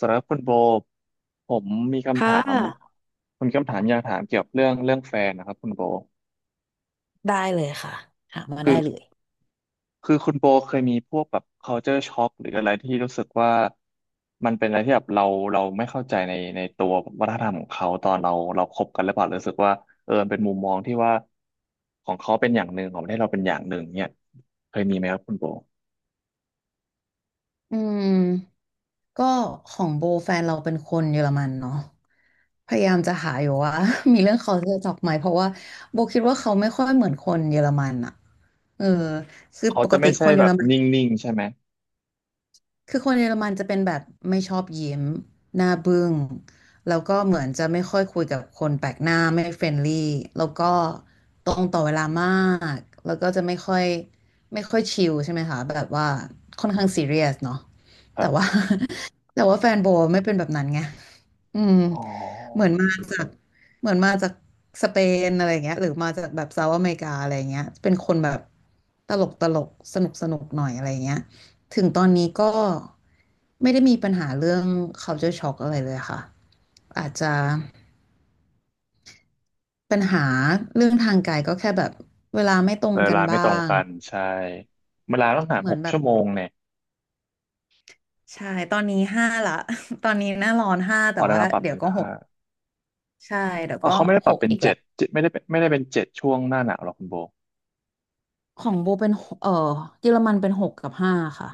สำหรับคุณโบผมมีคำค่ถามะมีคำถามอยากถามเกี่ยวกับเรื่องแฟนนะครับคุณโบได้เลยค่ะหามาคืได้อเลยคือคุณโบเคยมีพวกแบบ culture shock หรืออะไรที่รู้สึกว่ามันเป็นอะไรที่แบบเราไม่เข้าใจในตัววัฒนธรรมของเขาตอนเราคบกันหรือเปล่าหรือรู้สึกว่าเออมันเป็นมุมมองที่ว่าของเขาเป็นอย่างหนึ่งของประเทศเราเป็นอย่างหนึ่งเนี่ยเคยมีไหมครับคุณโบอืมก็ของโบแฟนเราเป็นคนเยอรมันเนาะพยายามจะหาอยู่ว่า มีเรื่องเขาจะจับไหมเพราะว่าโบคิดว่าเขาไม่ค่อยเหมือนคนเยอรมันอะเออคือเขาปกจะติไม่คใช่นเยแบอรบมัน นิ่งๆใช่ไหมคือคนเยอรมันจะเป็นแบบไม่ชอบยิ้มหน้าบึ้งแล้วก็เหมือนจะไม่ค่อยคุยกับคนแปลกหน้าไม่เฟรนลี่แล้วก็ตรงต่อเวลามากแล้วก็จะไม่ค่อยชิลใช่ไหมคะแบบว่าค่อนข้างซีเรียสเนาะคแต่รัว่า บ แต่ว่าแฟนโบไม่เป็นแบบนั้นไงอืมอ๋เหมือนอ มาจากเหมือนมาจากสเปนอะไรอย่างเงี้ยหรือมาจากแบบเซาท์อเมริกาอะไรอย่างเงี้ยเป็นคนแบบตลกตลกสนุกสนุกหน่อยอะไรอย่างเงี้ย ถึงตอนนี้ก็ไม่ได้มีปัญหาเรื่อง culture shock อะไรเลยค่ะอาจจะปัญหาเรื่องทางกายก็แค่แบบเวลาไม่ตรงเวกันลาไม่บ้าตรงงกันใช่เวลาต้องหารเหมืหอนกแบบชั่วโมงเนี่ยใช่ตอนนี้ห้าละ ตอนนี้หน้าร้อนห้าพแต่อแล้วว่าเราปรับเดี๋ยเป็วนก็หห้ากใช่เดี๋ยวอ๋อก็เขาไม่ได้ปหรับกเป็นอีกแหเจ็ละดเจ็ดไม่ได้เป็นเจ็ดช่วงหน้าหนาวหรอกคุณโบของโบเป็นหกเออเยอรมันเป็นหกกับห้าค่ะ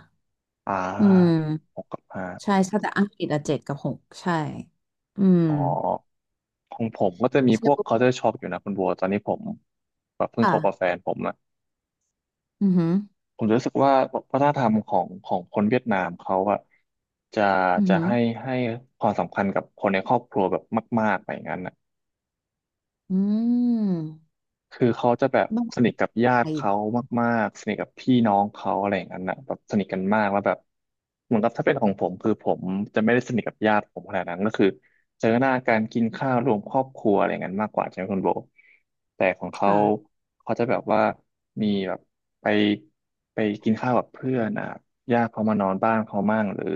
อ่อืาหมกกับห้าใช่ใช่แต่อังกฤษอะเจ็ดกับหกใช่อืมอ๋อของผมก็จะมีพวก ใช่ culture shock อยู่นะคุณโบตอนนี้ผมแบบเพิ่งคบกับแฟค่ะนผมอะอือหือผมรู้สึกว่าวัฒนธรรมของคนเวียดนามเขาอะจะอือจะหือให้ให้ความสำคัญกับคนในครอบครัวแบบมากๆไปอย่างนั้นอะ อืคือเขาจะแบบม สนิทกับญาไปติเขามากๆสนิทกับพี่น้องเขาอะไรอย่างนั้นนะแบบสนิทกันมากแล้วแบบเหมือนกับถ้าเป็นของผมคือผมจะไม่ได้สนิทกับญาติผมขนาดนั้นก็คือเจอหน้าการกินข้าวรวมครอบครัวอะไรอย่างนั้นมากกว่าใช่ไหมคุณโบแต่ของเขาค่ะเขาจะแบบว่ามีแบบไปไปกินข้าวกับเพื่อนอ่ะญาติเขามานอนบ้านเขามั่งหรือ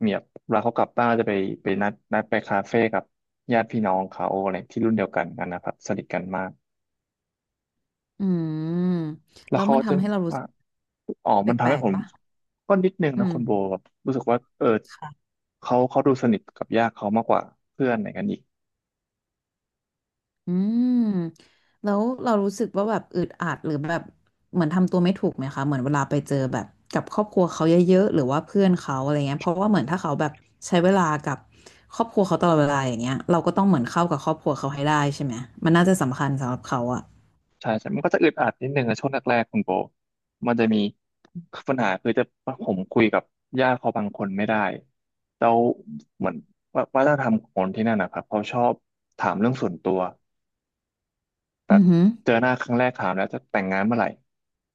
เมียบเวลาเขากลับบ้านจะไปนัดไปคาเฟ่กับญาติพี่น้องเขาอะไรที่รุ่นเดียวกันนะครับสนิทกันมาก อืมแล้วแล้วเขามันจะทำให้เรารู้ว่าสึกอ๋อแปมันทำลให้กผๆมปะก็นิดนึงอืนะคุณโบมแบบรู้สึกว่าเออค่ะเขาดูสนิทกับญาติเขามากกว่าเพื่อนอะไรกันอีกอืมแล้วเรารู้สึกว่าแบบอึดอัดหรือแบบเหมือนทำตัวไม่ถูกไหมคะเหมือนเวลาไปเจอแบบกับครอบครัวเขาเยอะๆหรือว่าเพื่อนเขาอะไรเงี้ยเพราะว่าเหมือนถ้าเขาแบบใช้เวลากับครอบครัวเขาตลอดเวลาอย่างเงี้ยเราก็ต้องเหมือนเข้ากับครอบครัวเขาให้ได้ใช่ไหมมันน่าจะสำคัญสำหรับเขาอะใช่ใช่มันก็จะอึดอัดนิดนึงในช่วงแรกๆคุณโบมันจะมีปัญหาคือจะผมคุยกับญาติเขาบางคนไม่ได้แล้วเหมือนว่าวัฒนธรรมของคนที่นั่นนะครับเขาชอบถามเรื่องส่วนตัวแบอืบอหือ เจอหน้าครั้งแรกถามแล้วจะแต่งงานเมื่อไหร่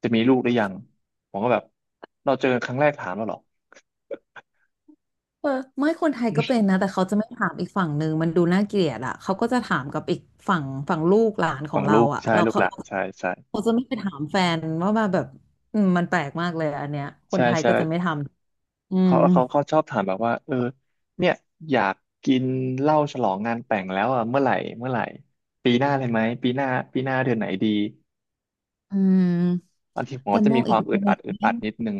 จะมีลูกหรือยังผมก็แบบเราเจอกันครั้งแรกถามแล้วเหรอ เออไม่คนไทยก็เป็นนะแต่เขาจะไม่ถามอีกฝั่งหนึ่งมันดูน่าเกลียดอ่ะเขาก็จะถามกับอีกฝั่งฝั่งลูกหลานของฝั่งเราลูกอ่ะใช่เราลูกหเขาลานใช่เขาจะไม่ไปถามแฟนว่ามาแบบอืมมันแปลกมากเลยอันเนี้ยคนใช่ไทยใช่ก็จะไม่ทำอืมเขาชอบถามแบบว่าเออเนี่ยอยากกินเหล้าฉลองงานแต่งแล้วอ่ะเมื่อไหร่ปีหน้าเลยไหมปีหน้าเดือนไหนดีอืมบางทีผมแต่ก็จะมอมีงคอีวากมในอึดหนอัดอึดึ่อังดนิดนึง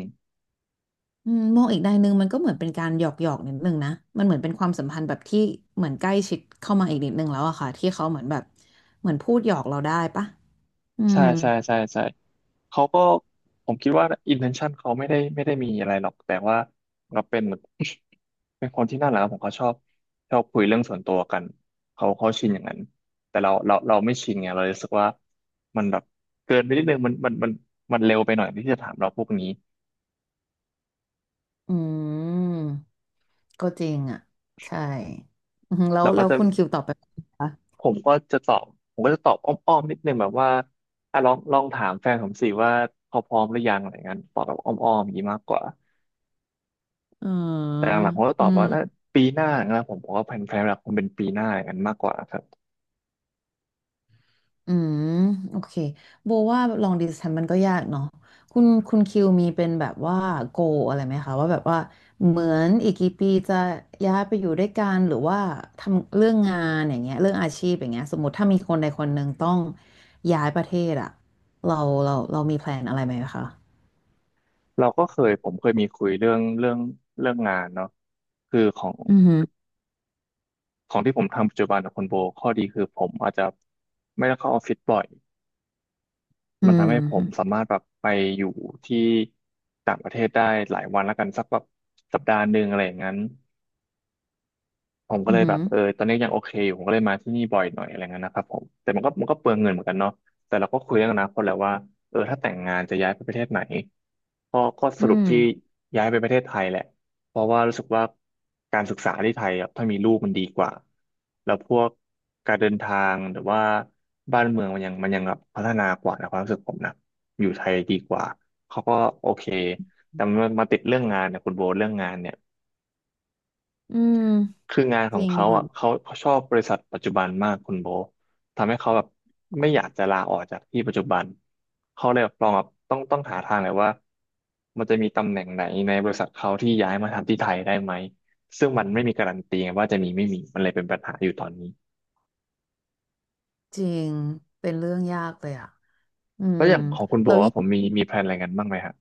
อืมมองอีกในหนึ่งมันก็เหมือนเป็นการหยอกหยอกนิดนึงนะมันเหมือนเป็นความสัมพันธ์แบบที่เหมือนใกล้ชิดเข้ามาอีกนิดนึงแล้วอะค่ะที่เขาเหมือนแบบเหมือนพูดหยอกเราได้ปะอืใช่ม ใช่ใช่ใช่เขาก็ผมคิดว่า intention เขาไม่ได้มีอะไรหรอกแต่ว่าก็เป็นเหมือน เป็นคนที่น่ารักผมเขาชอบคุยเรื่องส่วนตัวกันเขาชินอย่างนั้นแต่เราไม่ชินไงเราเลยรู้สึกว่ามันแบบเกินไปนิดนึงมันเร็วไปหน่อยที่จะถามเราพวกนี้อืมก็จริงอ่ะใช่อืมแล้วเราก็แล้วจะคุณคิวตอบไปผมก็จะตอบผมก็จะตอบอ้อมๆนิดนึงแบบว่าอ่ะลองถามแฟนผมสิว่าเขาพร้อมหรือยังอะไรเงี้ยตอบแบบอ้อมๆอย่างนี้มากกว่า อืมแต่หลังๆผมก็ตอือบมว่าน่าปีหน้านะผมบอกว่าแผนหลักคงเป็นปีหน้ากงันมากกว่าครับอืมโอเคโบว่า long distance มันก็ยากเนาะคุณคิวมีเป็นแบบว่า goal อะไรไหมคะว่าแบบว่าเหมือนอีกกี่ปีจะย้ายไปอยู่ด้วยกันหรือว่าทำเรื่องงานอย่างเงี้ยเรื่องอาชีพอย่างเงี้ยสมมติถ้ามีคนใดคนหนึ่งต้องย้ายประเทศอะเราเรามีแพลนอะไรไหมคะเราก็เคยผมเคยมีคุยเรื่องงานเนาะคือของอืมอหือของที่ผมทำปัจจุบันกับคุณโบข้อดีคือผมอาจจะไม่ต้องเข้าออฟฟิศบ่อยอืมันทำให้ผมสามมารถแบบไปอยู่ที่ต่างประเทศได้หลายวันแล้วกันสักแบบสัปดาห์หนึ่งอะไรอย่างนั้น ผมก็อืมเลอยหืแบอบเออตอนนี้ยังโอเคอยู่ผมก็เลยมาที่นี่บ่อยหน่อยอะไรเงี้ยนะครับผมแต่มันก็เปลืองเงินเหมือนกันเนาะแต่เราก็คุยเรื่องอนาคตแล้วว่าเออถ้าแต่งงานจะย้ายไปประเทศไหนก็สอืรุปที่ม ย้ายไปประเทศไทยแหละเพราะว่ารู้สึกว่าการศึกษาที่ไทยอะถ้ามีลูกมันดีกว่าแล้วพวกการเดินทางหรือว่าบ้านเมืองมันยังแบบพัฒนากว่านะความรู้สึกผมนะอยู่ไทยดีกว่าเขาก็โอเคแต่มันมาติดเรื่องงานเนี่ย อืมคืองานขจองริงเขาอ่ะค่ะเขาชอบบริษัทปัจจุบันมากคุณโบทำให้เขาแบบไม่อยากจะลาออกจากที่ปัจจุบันเขาเลยแบบลองแบบต้องหาทางเลยว่ามันจะมีตำแหน่งไหนในบริษัทเขาที่ย้ายมาทำที่ไทยได้ไหมซึ่งมันไม่มีการันตีไงว่าจะมีไม่มีมันเลยเป็นปัญหาอยู่ตอนนี้จริงเป็นเรื่องยากเลยอ่ะอืแล้มวอย่างของคุณโบเราครัยิ่บง ผมมีแพลนอะไรกันบ้างไหมครับ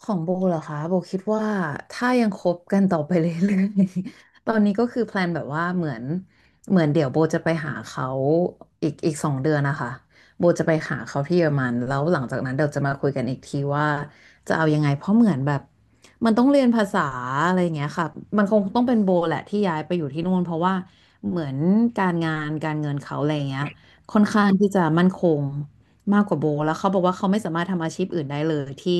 ของโบเหรอคะโบคิดว่าถ้ายังคบกันต่อไปเรื่อยๆ ตอนนี้ก็คือแพลนแบบว่าเหมือนเดี๋ยวโบจะไปหาเขาอีก2 เดือนนะคะโบจะไปหาเขาที่เยอรมันแล้วหลังจากนั้นเดี๋ยวจะมาคุยกันอีกทีว่าจะเอายังไงเพราะเหมือนแบบมันต้องเรียนภาษาอะไรอย่างเงี้ยค่ะมันคงต้องเป็นโบแหละที่ย้ายไปอยู่ที่นู่นเพราะว่าเหมือนการงานการเงินเขาอะไรอย่างเงี้ยค่อนข้างที่จะมั่นคงมากกว่าโบแล้วเขาบอกว่าเขาไม่สามารถทำอาชีพอื่นได้เลยที่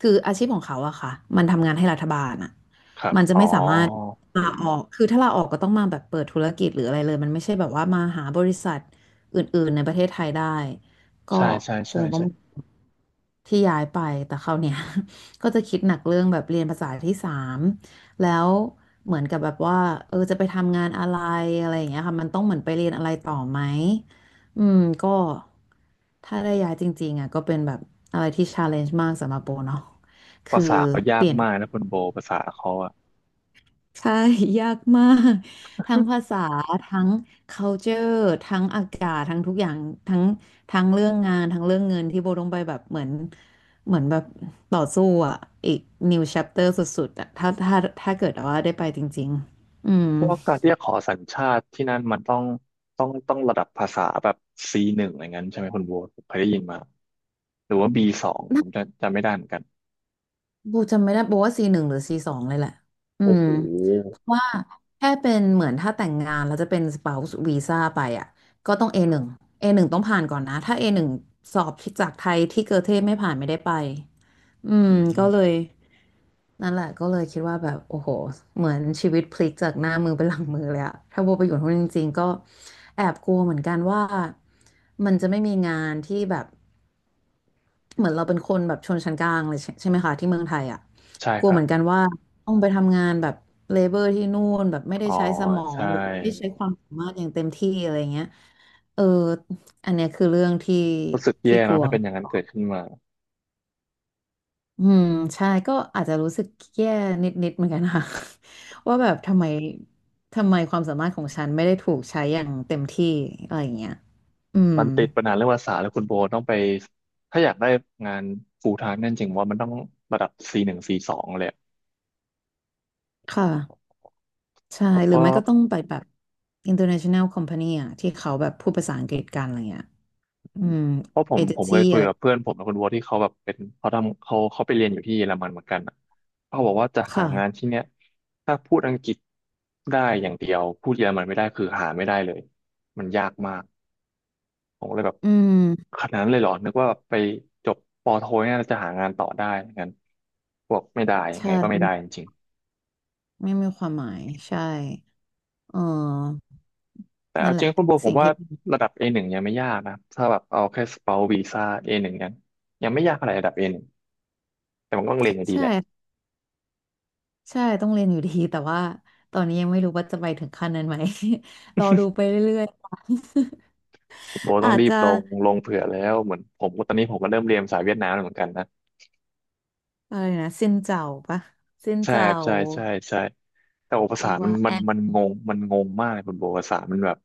คืออาชีพของเขาอะค่ะ มันทำงานให้รัฐบาลอะครับมันจะอ๋ไม่อสามารถลาออก คือถ้าลาออกก็ต้องมาแบบเปิดธุรกิจหรืออะไรเลยมันไม่ใช่แบบว่ามาหาบริษัทอื่นๆในประเทศไทยได้ ก็ใช่ใช่คใช่งต้องใช่ที่ย้ายไป แต่เขาวเนี่ย ก็จะคิดหนักเรื่องแบบเรียนภาษาที่สามแล้วเหมือนกับแบบว่าเออจะไปทำงานอะไรอะไรอย่างเงี้ยค่ะ มันต้องเหมือนไปเรียนอะไรต่อไหม อืมก็ถ้าได้ย้ายจริงๆอ่ะก็เป็นแบบอะไรที่ชาเลนจ์มากสำหรับโบเนาะภาคือษาเขายาเปกลี่ยนทุมากกนะคุณโบภาษาเขาอะ ใช่ ยากมากทั้งภาษาทั้ง culture ทั้งอากาศทั้งทุกอย่างทั้งทั้งเรื่องงานทั้งเรื่องเงินที่โบต้องไปแบบเหมือนแบบต่อสู้อ่ะอีก new chapter สุดๆอ่ะถ้าเกิดว่าได้ไปจริงๆอืม พวกการที่จะขอสัญชาติที่นั่นมันต้องระดับภาษาแบบ C1 อะไรเงั้นใช่ไหมคุณโบทผมเคยได้ยินมาหรือว่า B2 ผมจะจำไม่ได้เหมือนกันโบจำไม่ได้โบว่า C1หรือ C2เลยแหละ อืโอ้ม โหเพราะว่าแค่เป็นเหมือนถ้าแต่งงานแล้วจะเป็น spouse visa ไปอ่ะก็ต้อง A1 A1ต้องผ่านก่อนนะถ้า A หนึ่งสอบที่จากไทยที่เกอเทไม่ผ่านไม่ได้ไปอืมอืก็เลมยนั่นแหละก็เลยคิดว่าแบบโอ้โหเหมือนชีวิตพลิกจากหน้ามือเป็นหลังมือเลยอะถ้าโบไปอยู่ที่นู่นจริงๆก็แอบกลัวเหมือนกันว่ามันจะไม่มีงานที่แบบ เหมือนเราเป็นคนแบบชนชั้นกลางเลยใช่ไหมคะที่เมืองไทยอ่ะใช่กลัควรัเหบมือนกันว่าต้องไปทำงานแบบเลเบอร์ที่นู่นแบบไม่ได้อ๋อใช้สมองใช่หรือไม่ได้ใช้ความสามารถอย่างเต็มที่อะไรเงี้ยเอออันเนี้ยคือเรื่องที่รู้สึกที่แย่กเนอะลัวถ้าเป็นอย่างนั้นเกิดขึ้นมาอืมใช่ก็อาจจะรู้สึกแย่นิดๆเหมือนกันค่ะ ว่าแบบทำไมความสามารถของฉันไม่ได้ถูกใช้อย่างเต็มที่อะไรอย่างเงี้ยอืมมันติดปัญหาเรื่องภาษาแล้วคุณโบทต้องไปถ้าอยากได้งาน full time นั่นจริงว่ามันต้องระดับ C1 c งซีสองเลยอะค่ะ ใช่ผมหรืก็ อไม่ก็ต้องไปแบบ international company อะที่เขาแบบพูดภาษาอังกฤษกันอะไรเงี้ยอืมเพราะผเอมเจผนมเคซี่ยคุยอะไรกับเพื่อนผมนะคุณวัวที่เขาแบบเป็นเขาทำเขาไปเรียนอยู่ที่เยอรมันเหมือนกันอะเขาบอกว่าจะหาค่ะงานที่เนี้ยถ้าพูดอังกฤษได้อย่างเดียวพูดเยอรมันไม่ได้คือหาไม่ได้เลยมันยากมากผมก็เลยแบบอืมขนาดนั้นเลยเหรอนึกว่าแบบไปจบปอโทเนี่ยเราจะหางานต่อได้งั้นบอกไม่ได้ยังไงใช่ก็ไม่ได้จริงไม่มีความหมายใช่เออๆแต่นั่เอานแหจริละงคุณโบัวผสิ่มงว่าที่ระดับ A1 ยังไม่ยากนะถ้าแบบเอาแค่สเปาวีซ่า A1 กันงยังไม่ยากอะไรระดับ A1 แต่มันก็ต้องเรียนให้ดีใช่แหละ ใช่ต้องเรียนอยู่ดีแต่ว่าตอนนี้ยังไม่รู้ว่าจะไปถึงขั้นนั้นไหม รอดูไปเรื่อยๆ ค่ะ คุณโบ ต้ออางจรีบจะลงเผื่อแล้วเหมือนผมก็ตอนนี้ผมก็เริ่มเรียนภาษาเวียดนามแล้วเหมือนกันนะอะไรนะซินเจ้าปะซินใช่เจ้าครับใช่ใช่ใช่แต่โอภาหษารือมัว่านมัแอนมมันงงมันงงมากเลยคุณโบภาษามันแบบ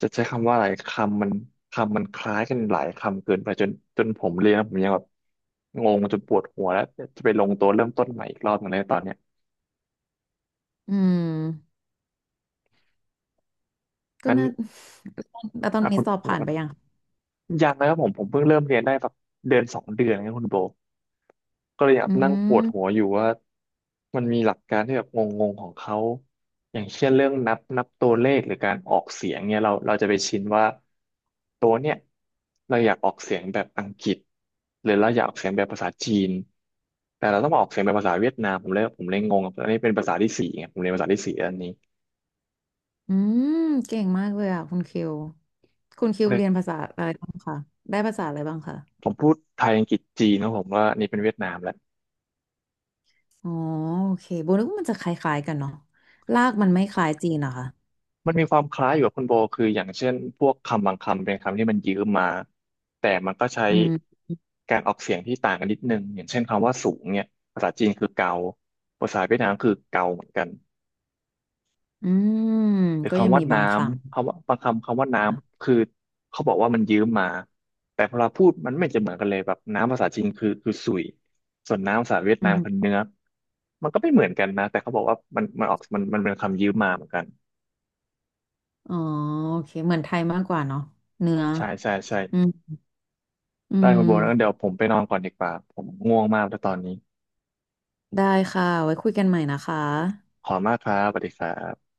จะใช้คำว่าอะไรคำมันคำมันคล้ายกันหลายคำเกินไปจนผมเรียนแล้วผมยังแบบงงจนปวดหัวแล้วจะไปลงตัวเริ่มต้นใหม่อีกรอบหนึงเลยตอนเนี้ยอืม ก็งั้นน่า แล้วตอนอ่ะนี้คุณ สอบผ่านไปยังยังนะครับผมเพิ่งเริ่มเรียนได้แบบเดือนสองเดือนนะครับคุณโบก็เลยอยากอืนั่งปวดหัวมอยู่ว่ามันมีหลักการที่แบบงงๆของเขาอย่างเช่นเรื่องนับตัวเลขหรือการออกเสียงเนี่ยเราจะไปชินว่าตัวเนี่ยเราอยากออกเสียงแบบอังกฤษหรือเราอยากออกเสียงแบบภาษาจีนแต่เราต้องมาออกเสียงแบบภาษาเวียดนามผมเลยงงอันนี้เป็นภาษาที่สี่ไงผมเรียนภาษาที่สี่อันนี้อืมเก่งมากเลยอ่ะคุณคิวคุณคิวเรียนภาษาอะไรบ้างคะได้ภาษาอะไรบ้างคะผมพูดไทยอังกฤษจีนนะผมว่าอันนี้เป็นเวียดนามแล้ว อ๋อโอเคโบนึกว่ามันจะคล้ายๆกันเนาะลากมันไม่คล้ายจีนเหรอคะมันมีความคล้ายอยู่กับคุณโบคืออย่างเช่นพวกคำบางคำเป็นคำที่มันยืมมาแต่มันก็ใช้อืมการออกเสียงที่ต่างกันนิดนึงอย่างเช่นคำว่าสูงเนี่ยภาษาจีนคือเกาภาษาเวียดนามคือเกาเหมือนกันอืมหรือก็ยังคำว่ามีบาน้งคำคำว่าบางคำคำว่าน้ำค่ะำคือเขาบอกว่ามันยืมมาแต่พอเราพูดมันไม่จะเหมือนกันเลยแบบน้ำภาษาจีนคือสุยส่วนน้ำภาษาเวียดอืนามคือมเนื้อกมันก็ไม่เหมือนกันนะแต่เขาบอกว่ามันออกมันเป็นคำยืมมาเหมือนกันอ๋อโอเคเหมือนไทยมากกว่าเนาะเนื้อใช่ใช่ใช่ อืมอืได้คุณโบนะงั้นเดี๋ยมวผมไปนอนก่อนดีกว่าผมง่วงมากแล้วตอนนี้ได้ค่ะไว้คุยกันใหม่นะคะขอบคุณมากครับสวัสดีครับ